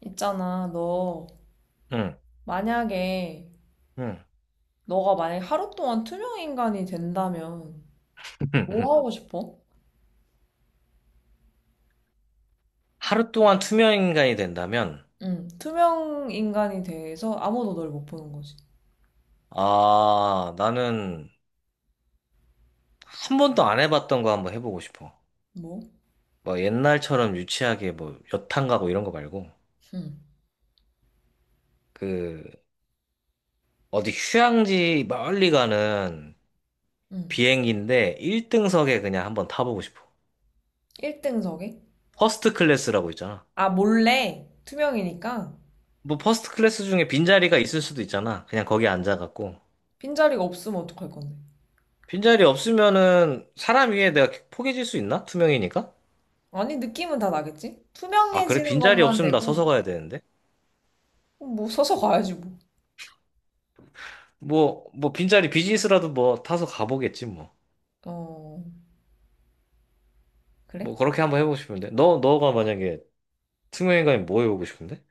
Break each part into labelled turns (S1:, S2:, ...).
S1: 있잖아, 너
S2: 응,
S1: 만약에
S2: 응.
S1: 너가 만약 하루 동안 투명 인간이 된다면 뭐 하고 싶어?
S2: 하루 동안 투명인간이 된다면,
S1: 응, 투명 인간이 돼서 아무도 널 못 보는 거지.
S2: 아, 나는 한 번도 안 해봤던 거 한번 해보고 싶어.
S1: 뭐?
S2: 뭐 옛날처럼 유치하게 뭐 여탕 가고 이런 거 말고,
S1: 응,
S2: 그, 어디 휴양지 멀리 가는
S1: 응.
S2: 비행기인데 1등석에 그냥 한번 타보고 싶어.
S1: 1등석에?
S2: 퍼스트 클래스라고 있잖아.
S1: 아, 몰래 투명이니까.
S2: 뭐 퍼스트 클래스 중에 빈자리가 있을 수도 있잖아. 그냥 거기 앉아갖고.
S1: 빈자리가 없으면 어떡할 건데?
S2: 빈자리 없으면은 사람 위에 내가 포개질 수 있나? 투명이니까?
S1: 아니, 느낌은 다 나겠지?
S2: 아, 그래?
S1: 투명해지는
S2: 빈자리
S1: 것만
S2: 없으면 나 서서
S1: 되고.
S2: 가야 되는데?
S1: 뭐 서서 가야지 뭐.
S2: 뭐, 빈자리 비즈니스라도 뭐 타서 가보겠지, 뭐.
S1: 어, 그래?
S2: 뭐, 그렇게 한번 해보고 싶은데. 너가 만약에 특명인 가면 뭐 해보고 싶은데?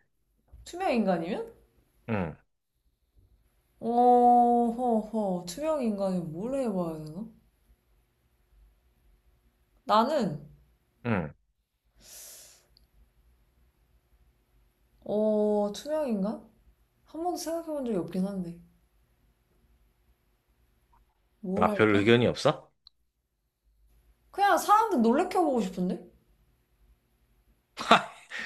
S1: 투명 인간이면?
S2: 응,
S1: 투명 인간이 뭘 해봐야 되나? 나는
S2: 응.
S1: 투명인간? 한 번도 생각해 본 적이 없긴 한데. 뭘
S2: 아, 별
S1: 할까?
S2: 의견이 없어?
S1: 그냥 사람들 놀래켜보고 싶은데?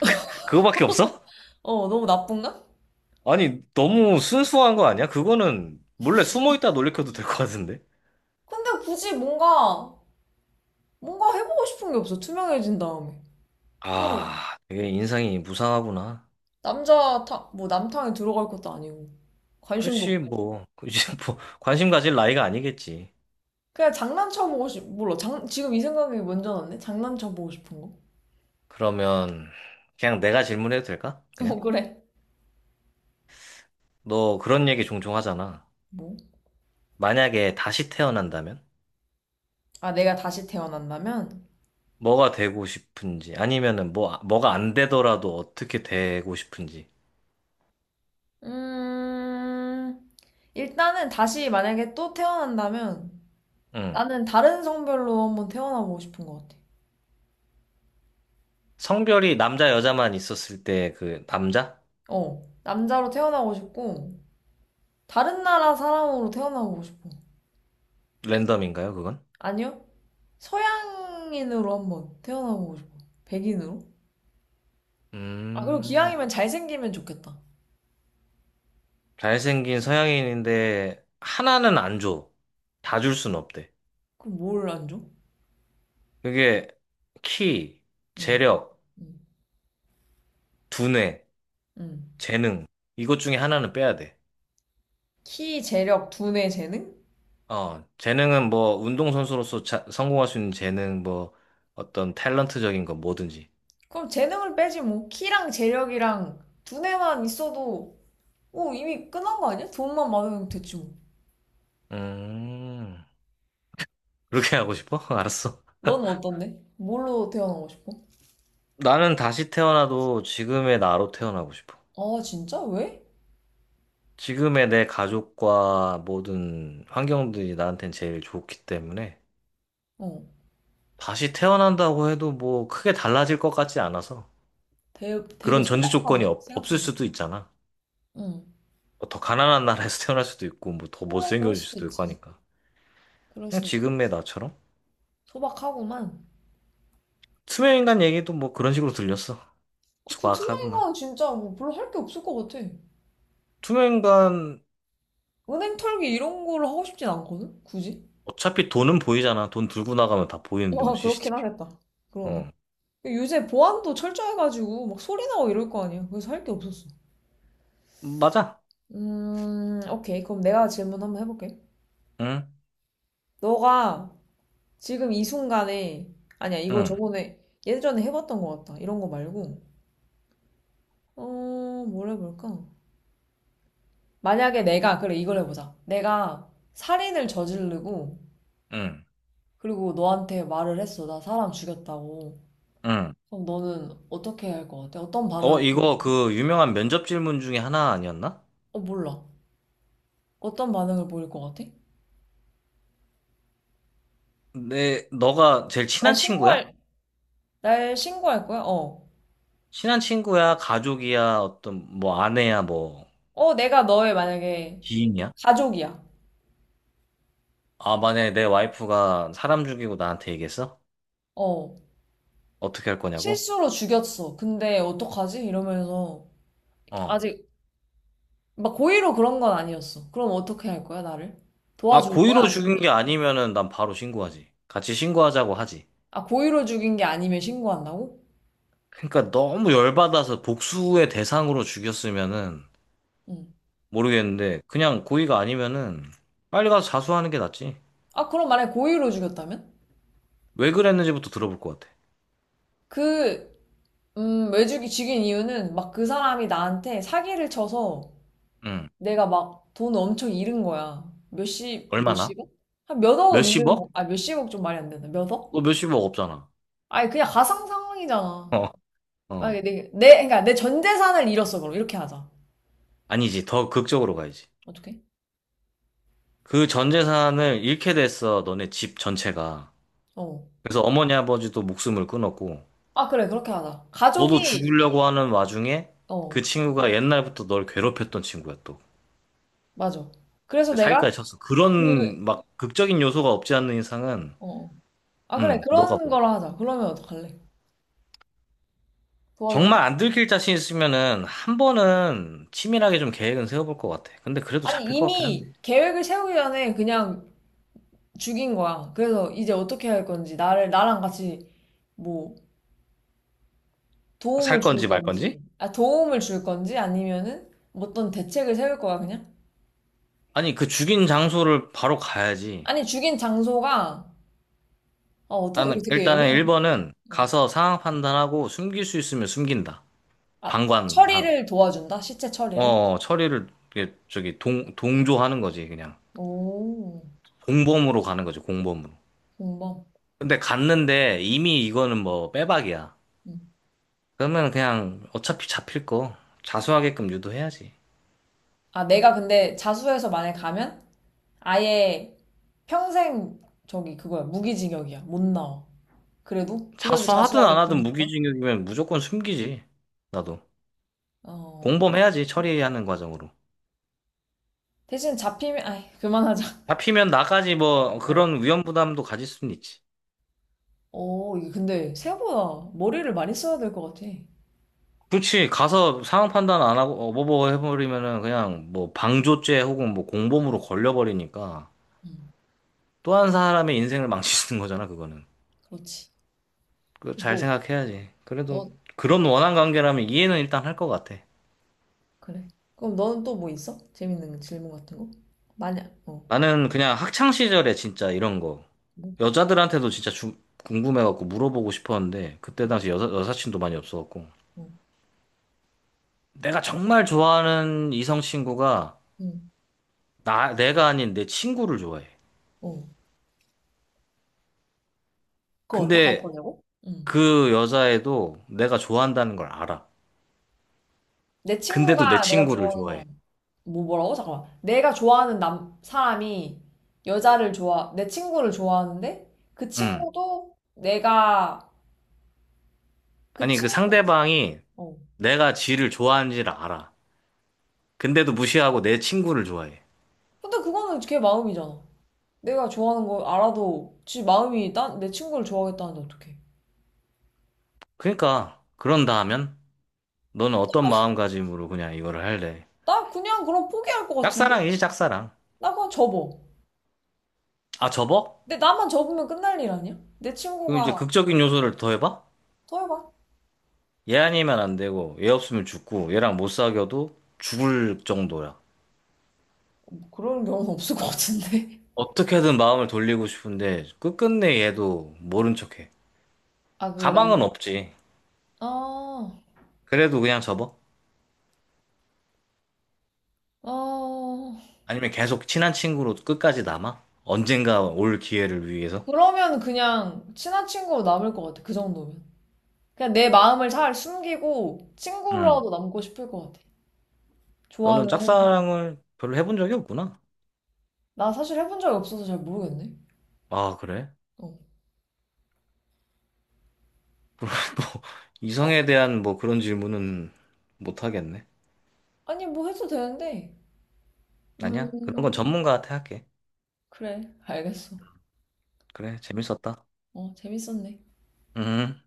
S2: 그거밖에 없어?
S1: 어, 너무 나쁜가?
S2: 아니, 너무 순수한 거 아니야? 그거는 몰래 숨어 있다 놀래켜도 될 것 같은데?
S1: 근데 굳이 뭔가 해보고 싶은 게 없어. 투명해진 다음에. 오,
S2: 아, 되게 인상이 무상하구나.
S1: 남자 탕, 뭐 남탕에 들어갈 것도 아니고. 관심도
S2: 그치,
S1: 없고.
S2: 뭐. 그치, 뭐. 관심 가질 나이가 아니겠지.
S1: 그냥 장난쳐보고 싶, 몰라. 장, 지금 이 생각이 먼저 났네? 장난쳐보고 싶은 거?
S2: 그러면, 그냥 내가 질문해도 될까?
S1: 어,
S2: 그냥?
S1: 그래.
S2: 너 그런 얘기 종종 하잖아.
S1: 뭐?
S2: 만약에 다시 태어난다면?
S1: 아, 내가 다시 태어난다면?
S2: 뭐가 되고 싶은지, 아니면은 뭐, 뭐가 안 되더라도 어떻게 되고 싶은지.
S1: 음, 일단은 다시 만약에 또 태어난다면,
S2: 응.
S1: 나는 다른 성별로 한번 태어나보고 싶은 것 같아.
S2: 성별이 남자, 여자만 있었을 때 그 남자?
S1: 어, 남자로 태어나고 싶고, 다른 나라 사람으로 태어나보고 싶어.
S2: 랜덤인가요, 그건?
S1: 아니요? 서양인으로 한번 태어나보고 싶어. 백인으로? 아, 그리고
S2: 음,
S1: 기왕이면 잘생기면 좋겠다.
S2: 잘생긴 서양인인데 하나는 안 줘. 다 줄 순 없대.
S1: 그럼 뭘 안 줘?
S2: 그게 키,
S1: 응,
S2: 재력,
S1: 응,
S2: 두뇌,
S1: 응.
S2: 재능. 이것 중에 하나는 빼야 돼.
S1: 키, 재력, 두뇌, 재능?
S2: 어, 재능은 뭐 운동선수로서 성공할 수 있는 재능, 뭐 어떤 탤런트적인 거 뭐든지.
S1: 그럼 재능을 빼지 뭐. 키랑 재력이랑 두뇌만 있어도, 오, 이미 끝난 거 아니야? 돈만 많으면 됐지 뭐.
S2: 음. 그렇게 하고 싶어? 알았어.
S1: 넌 어떤데? 뭘로 태어나고 싶어?
S2: 나는 다시 태어나도 지금의 나로 태어나고 싶어.
S1: 아, 진짜? 왜?
S2: 지금의 내 가족과 모든 환경들이 나한텐 제일 좋기 때문에
S1: 어.
S2: 다시 태어난다고 해도 뭐 크게 달라질 것 같지 않아서
S1: 되게, 되게
S2: 그런 전제 조건이
S1: 소박하네,
S2: 없을
S1: 생각보다.
S2: 수도 있잖아.
S1: 응.
S2: 뭐더 가난한 나라에서 태어날 수도 있고 뭐 더
S1: 물론 그럴
S2: 못생겨질
S1: 수도
S2: 수도 있고
S1: 있지.
S2: 하니까
S1: 그럴
S2: 그냥
S1: 수 있지.
S2: 지금의 나처럼
S1: 소박하구만.
S2: 투명인간 얘기도 뭐 그런 식으로 들렸어.
S1: 그 투명이
S2: 소박하구만.
S1: 가 진짜 뭐 별로 할 게 없을 것 같아.
S2: 투명인간
S1: 은행 털기 이런 거를 하고 싶진 않거든? 굳이?
S2: 어차피 돈은 보이잖아. 돈 들고 나가면 다 보이는데 뭐
S1: 아, 그렇긴
S2: CCTV.
S1: 하겠다. 그러네. 요새 보안도 철저해가지고 막 소리 나고 이럴 거 아니야. 그래서 할 게 없었어.
S2: 맞아.
S1: 오케이. 그럼 내가 질문 한번 해볼게.
S2: 응?
S1: 너가 지금 이 순간에, 아니야, 이거
S2: 응,
S1: 저번에, 예전에 해봤던 것 같다. 이런 거 말고, 어, 뭘 해볼까? 만약에 내가, 그래, 이걸 해보자. 내가 살인을 저지르고,
S2: 응,
S1: 그리고 너한테 말을 했어. 나 사람 죽였다고.
S2: 응.
S1: 그럼 너는 어떻게 할 것 같아? 어떤
S2: 어,
S1: 반응을 보일,
S2: 이거 그 유명한 면접 질문 중에 하나 아니었나?
S1: 어, 몰라. 어떤 반응을 보일 것 같아?
S2: 내, 너가 제일
S1: 날
S2: 친한 친구야?
S1: 신고할, 날 신고할 거야? 어.
S2: 친한 친구야, 가족이야, 어떤, 뭐, 아내야, 뭐,
S1: 어, 내가 너의 만약에
S2: 지인이야?
S1: 가족이야.
S2: 아, 만약에 내 와이프가 사람 죽이고 나한테 얘기했어?
S1: 어.
S2: 어떻게 할 거냐고?
S1: 실수로 죽였어. 근데 어떡하지? 이러면서
S2: 어.
S1: 아직 막 고의로 그런 건 아니었어. 그럼 어떻게 할 거야, 나를?
S2: 아,
S1: 도와줄 거야?
S2: 고의로
S1: 아니면,
S2: 죽인 게 아니면은 난 바로 신고하지. 같이 신고하자고 하지.
S1: 아, 고의로 죽인 게 아니면 신고한다고?
S2: 그러니까 너무 열받아서 복수의 대상으로 죽였으면은
S1: 응.
S2: 모르겠는데 그냥 고의가 아니면은 빨리 가서 자수하는 게 낫지.
S1: 아, 그럼 만약에 고의로 죽였다면?
S2: 왜 그랬는지부터 들어볼 것 같아.
S1: 그, 왜 죽인 이유는 막 그 사람이 나한테 사기를 쳐서
S2: 응.
S1: 내가 막 돈 엄청 잃은 거야. 몇십,
S2: 얼마나?
S1: 몇십억? 한 몇 억을 잃은 거,
S2: 몇십억?
S1: 아, 몇십억 좀 말이 안 된다. 몇 억?
S2: 너 몇십억 없잖아.
S1: 아니, 그냥 가상 상황이잖아.
S2: 어.
S1: 만약에
S2: 어.
S1: 그러니까 내 전 재산을 잃었어, 그럼. 이렇게 하자.
S2: 아니지. 더 극적으로 가야지.
S1: 어떻게?
S2: 그 전 재산을 잃게 됐어. 너네 집 전체가.
S1: 어.
S2: 그래서 어머니 아버지도 목숨을 끊었고
S1: 아, 그래, 그렇게 하자.
S2: 너도
S1: 가족이,
S2: 죽으려고 하는 와중에 그
S1: 어,
S2: 친구가 옛날부터 널 괴롭혔던 친구야 또.
S1: 맞아. 그래서
S2: 근데
S1: 내가
S2: 사기까지 쳤어.
S1: 그,
S2: 그런 막 극적인 요소가 없지 않는 이상은
S1: 어. 아, 그래,
S2: 응. 너가
S1: 그런
S2: 뭐
S1: 거로 하자. 그러면 어떡할래? 도와줄래?
S2: 정말 안 들킬 자신 있으면은 한 번은 치밀하게 좀 계획은 세워볼 것 같아. 근데 그래도
S1: 아니,
S2: 잡힐 것 같긴
S1: 이미
S2: 한데.
S1: 계획을 세우기 전에 그냥 죽인 거야. 그래서 이제 어떻게 할 건지, 나를, 나랑 같이 뭐 도움을
S2: 살
S1: 줄
S2: 건지 말 건지?
S1: 건지, 아, 도움을 줄 건지 아니면은 뭐 어떤 대책을 세울 거야, 그냥?
S2: 아니, 그 죽인 장소를 바로 가야지.
S1: 아니, 죽인 장소가, 어, 어떻게
S2: 나는
S1: 되게
S2: 일단은
S1: 애매한,
S2: 1번은
S1: 어.
S2: 가서 상황 판단하고 숨길 수 있으면 숨긴다.
S1: 아,
S2: 방관,
S1: 처리를 도와준다? 시체 처리를?
S2: 어, 처리를, 이게 저기, 동조하는 거지, 그냥.
S1: 오,
S2: 공범으로 가는 거지, 공범으로.
S1: 공범.
S2: 근데 갔는데 이미 이거는 뭐 빼박이야.
S1: 음.
S2: 그러면 그냥 어차피 잡힐 거 자수하게끔 유도해야지.
S1: 아, 내가 근데 자수해서 만약 가면 아예 평생 저기 그거야, 무기징역이야. 못 나와. 그래도? 그래도
S2: 자수하든 안
S1: 자수하게
S2: 하든
S1: 되는 거야?
S2: 무기징역이면 무조건 숨기지. 나도.
S1: 어.
S2: 공범해야지, 처리하는 과정으로.
S1: 대신 잡히면, 아이, 그만하자.
S2: 잡히면 나까지 뭐
S1: 어.
S2: 그런 위험 부담도 가질 수는 있지.
S1: 어, 이게 근데 생각보다 머리를 많이 써야 될 것 같아.
S2: 그렇지, 가서 상황 판단 안 하고 어버버 해버리면은 그냥 뭐 방조죄 혹은 뭐 공범으로 걸려버리니까
S1: 응,
S2: 또 한 사람의 인생을 망치는 거잖아, 그거는.
S1: 그렇지.
S2: 그거 잘
S1: 뭐,
S2: 생각해야지. 그래도
S1: 너, 응,
S2: 그런 원한 관계라면 이해는 일단 할 것 같아.
S1: 그래. 그럼 너는 또 뭐 있어? 재밌는 질문 같은 거? 만약, 어,
S2: 나는 그냥 학창 시절에 진짜 이런 거
S1: 뭐,
S2: 여자들한테도 진짜 궁금해갖고 물어보고 싶었는데 그때
S1: 응,
S2: 당시 여사친도 많이 없어갖고 내가 정말 좋아하는 이성 친구가
S1: 응,
S2: 나 내가 아닌 내 친구를 좋아해.
S1: 어. 그거 어떡할
S2: 근데
S1: 거냐고? 응.
S2: 그 여자애도 내가 좋아한다는 걸 알아.
S1: 내
S2: 근데도 내
S1: 친구가 내가
S2: 친구를
S1: 좋아하는
S2: 좋아해.
S1: 거랑 뭐 뭐라고? 잠깐만. 내가 좋아하는 남 사람이 여자를 좋아 내 친구를 좋아하는데 그
S2: 응.
S1: 친구도 내가 그
S2: 아니 그
S1: 친구
S2: 상대방이
S1: 어.
S2: 내가 지를 좋아하는지를 알아. 근데도 무시하고 내 친구를 좋아해.
S1: 근데 그거는 걔 마음이잖아. 내가 좋아하는 걸 알아도 지 마음이 난 내 친구를 좋아하겠다는데 어떡해.
S2: 그러니까 그런다 하면 너는 어떤 마음가짐으로 그냥 이거를 할래?
S1: 나 그냥 그럼 포기할 것 같은데?
S2: 짝사랑이지, 짝사랑.
S1: 나 그냥 접어.
S2: 아, 접어?
S1: 근데 나만 접으면 끝날 일 아니야? 내
S2: 그럼 이제
S1: 친구가
S2: 극적인 요소를 더해봐?
S1: 더 해봐.
S2: 얘 아니면 안 되고, 얘 없으면 죽고, 얘랑 못 사귀어도 죽을 정도야.
S1: 그런 경우는 없을 것 같은데.
S2: 어떻게든 마음을 돌리고 싶은데, 끝끝내 얘도 모른 척해.
S1: 아, 그 남,
S2: 가망은 없지.
S1: 아,
S2: 그래도 그냥 접어?
S1: 아,
S2: 아니면 계속 친한 친구로 끝까지 남아? 언젠가 올 기회를 위해서?
S1: 그러면 그냥 친한 친구로 남을 것 같아. 그 정도면. 그냥 내 마음을 잘 숨기고
S2: 응.
S1: 친구로라도 남고 싶을 것 같아.
S2: 너는
S1: 좋아하는 해설
S2: 짝사랑을 별로 해본 적이 없구나.
S1: 나 사실 해본 적이 없어서 잘 모르겠네.
S2: 아, 그래?
S1: 어.
S2: 뭐,
S1: 어?
S2: 이성에 대한 뭐 그런 질문은 못 하겠네.
S1: 아니, 뭐 해도 되는데.
S2: 아니야? 그런 건
S1: 음,
S2: 전문가한테 할게.
S1: 그래. 알겠어.
S2: 그래, 재밌었다.
S1: 어, 재밌었네.
S2: 음.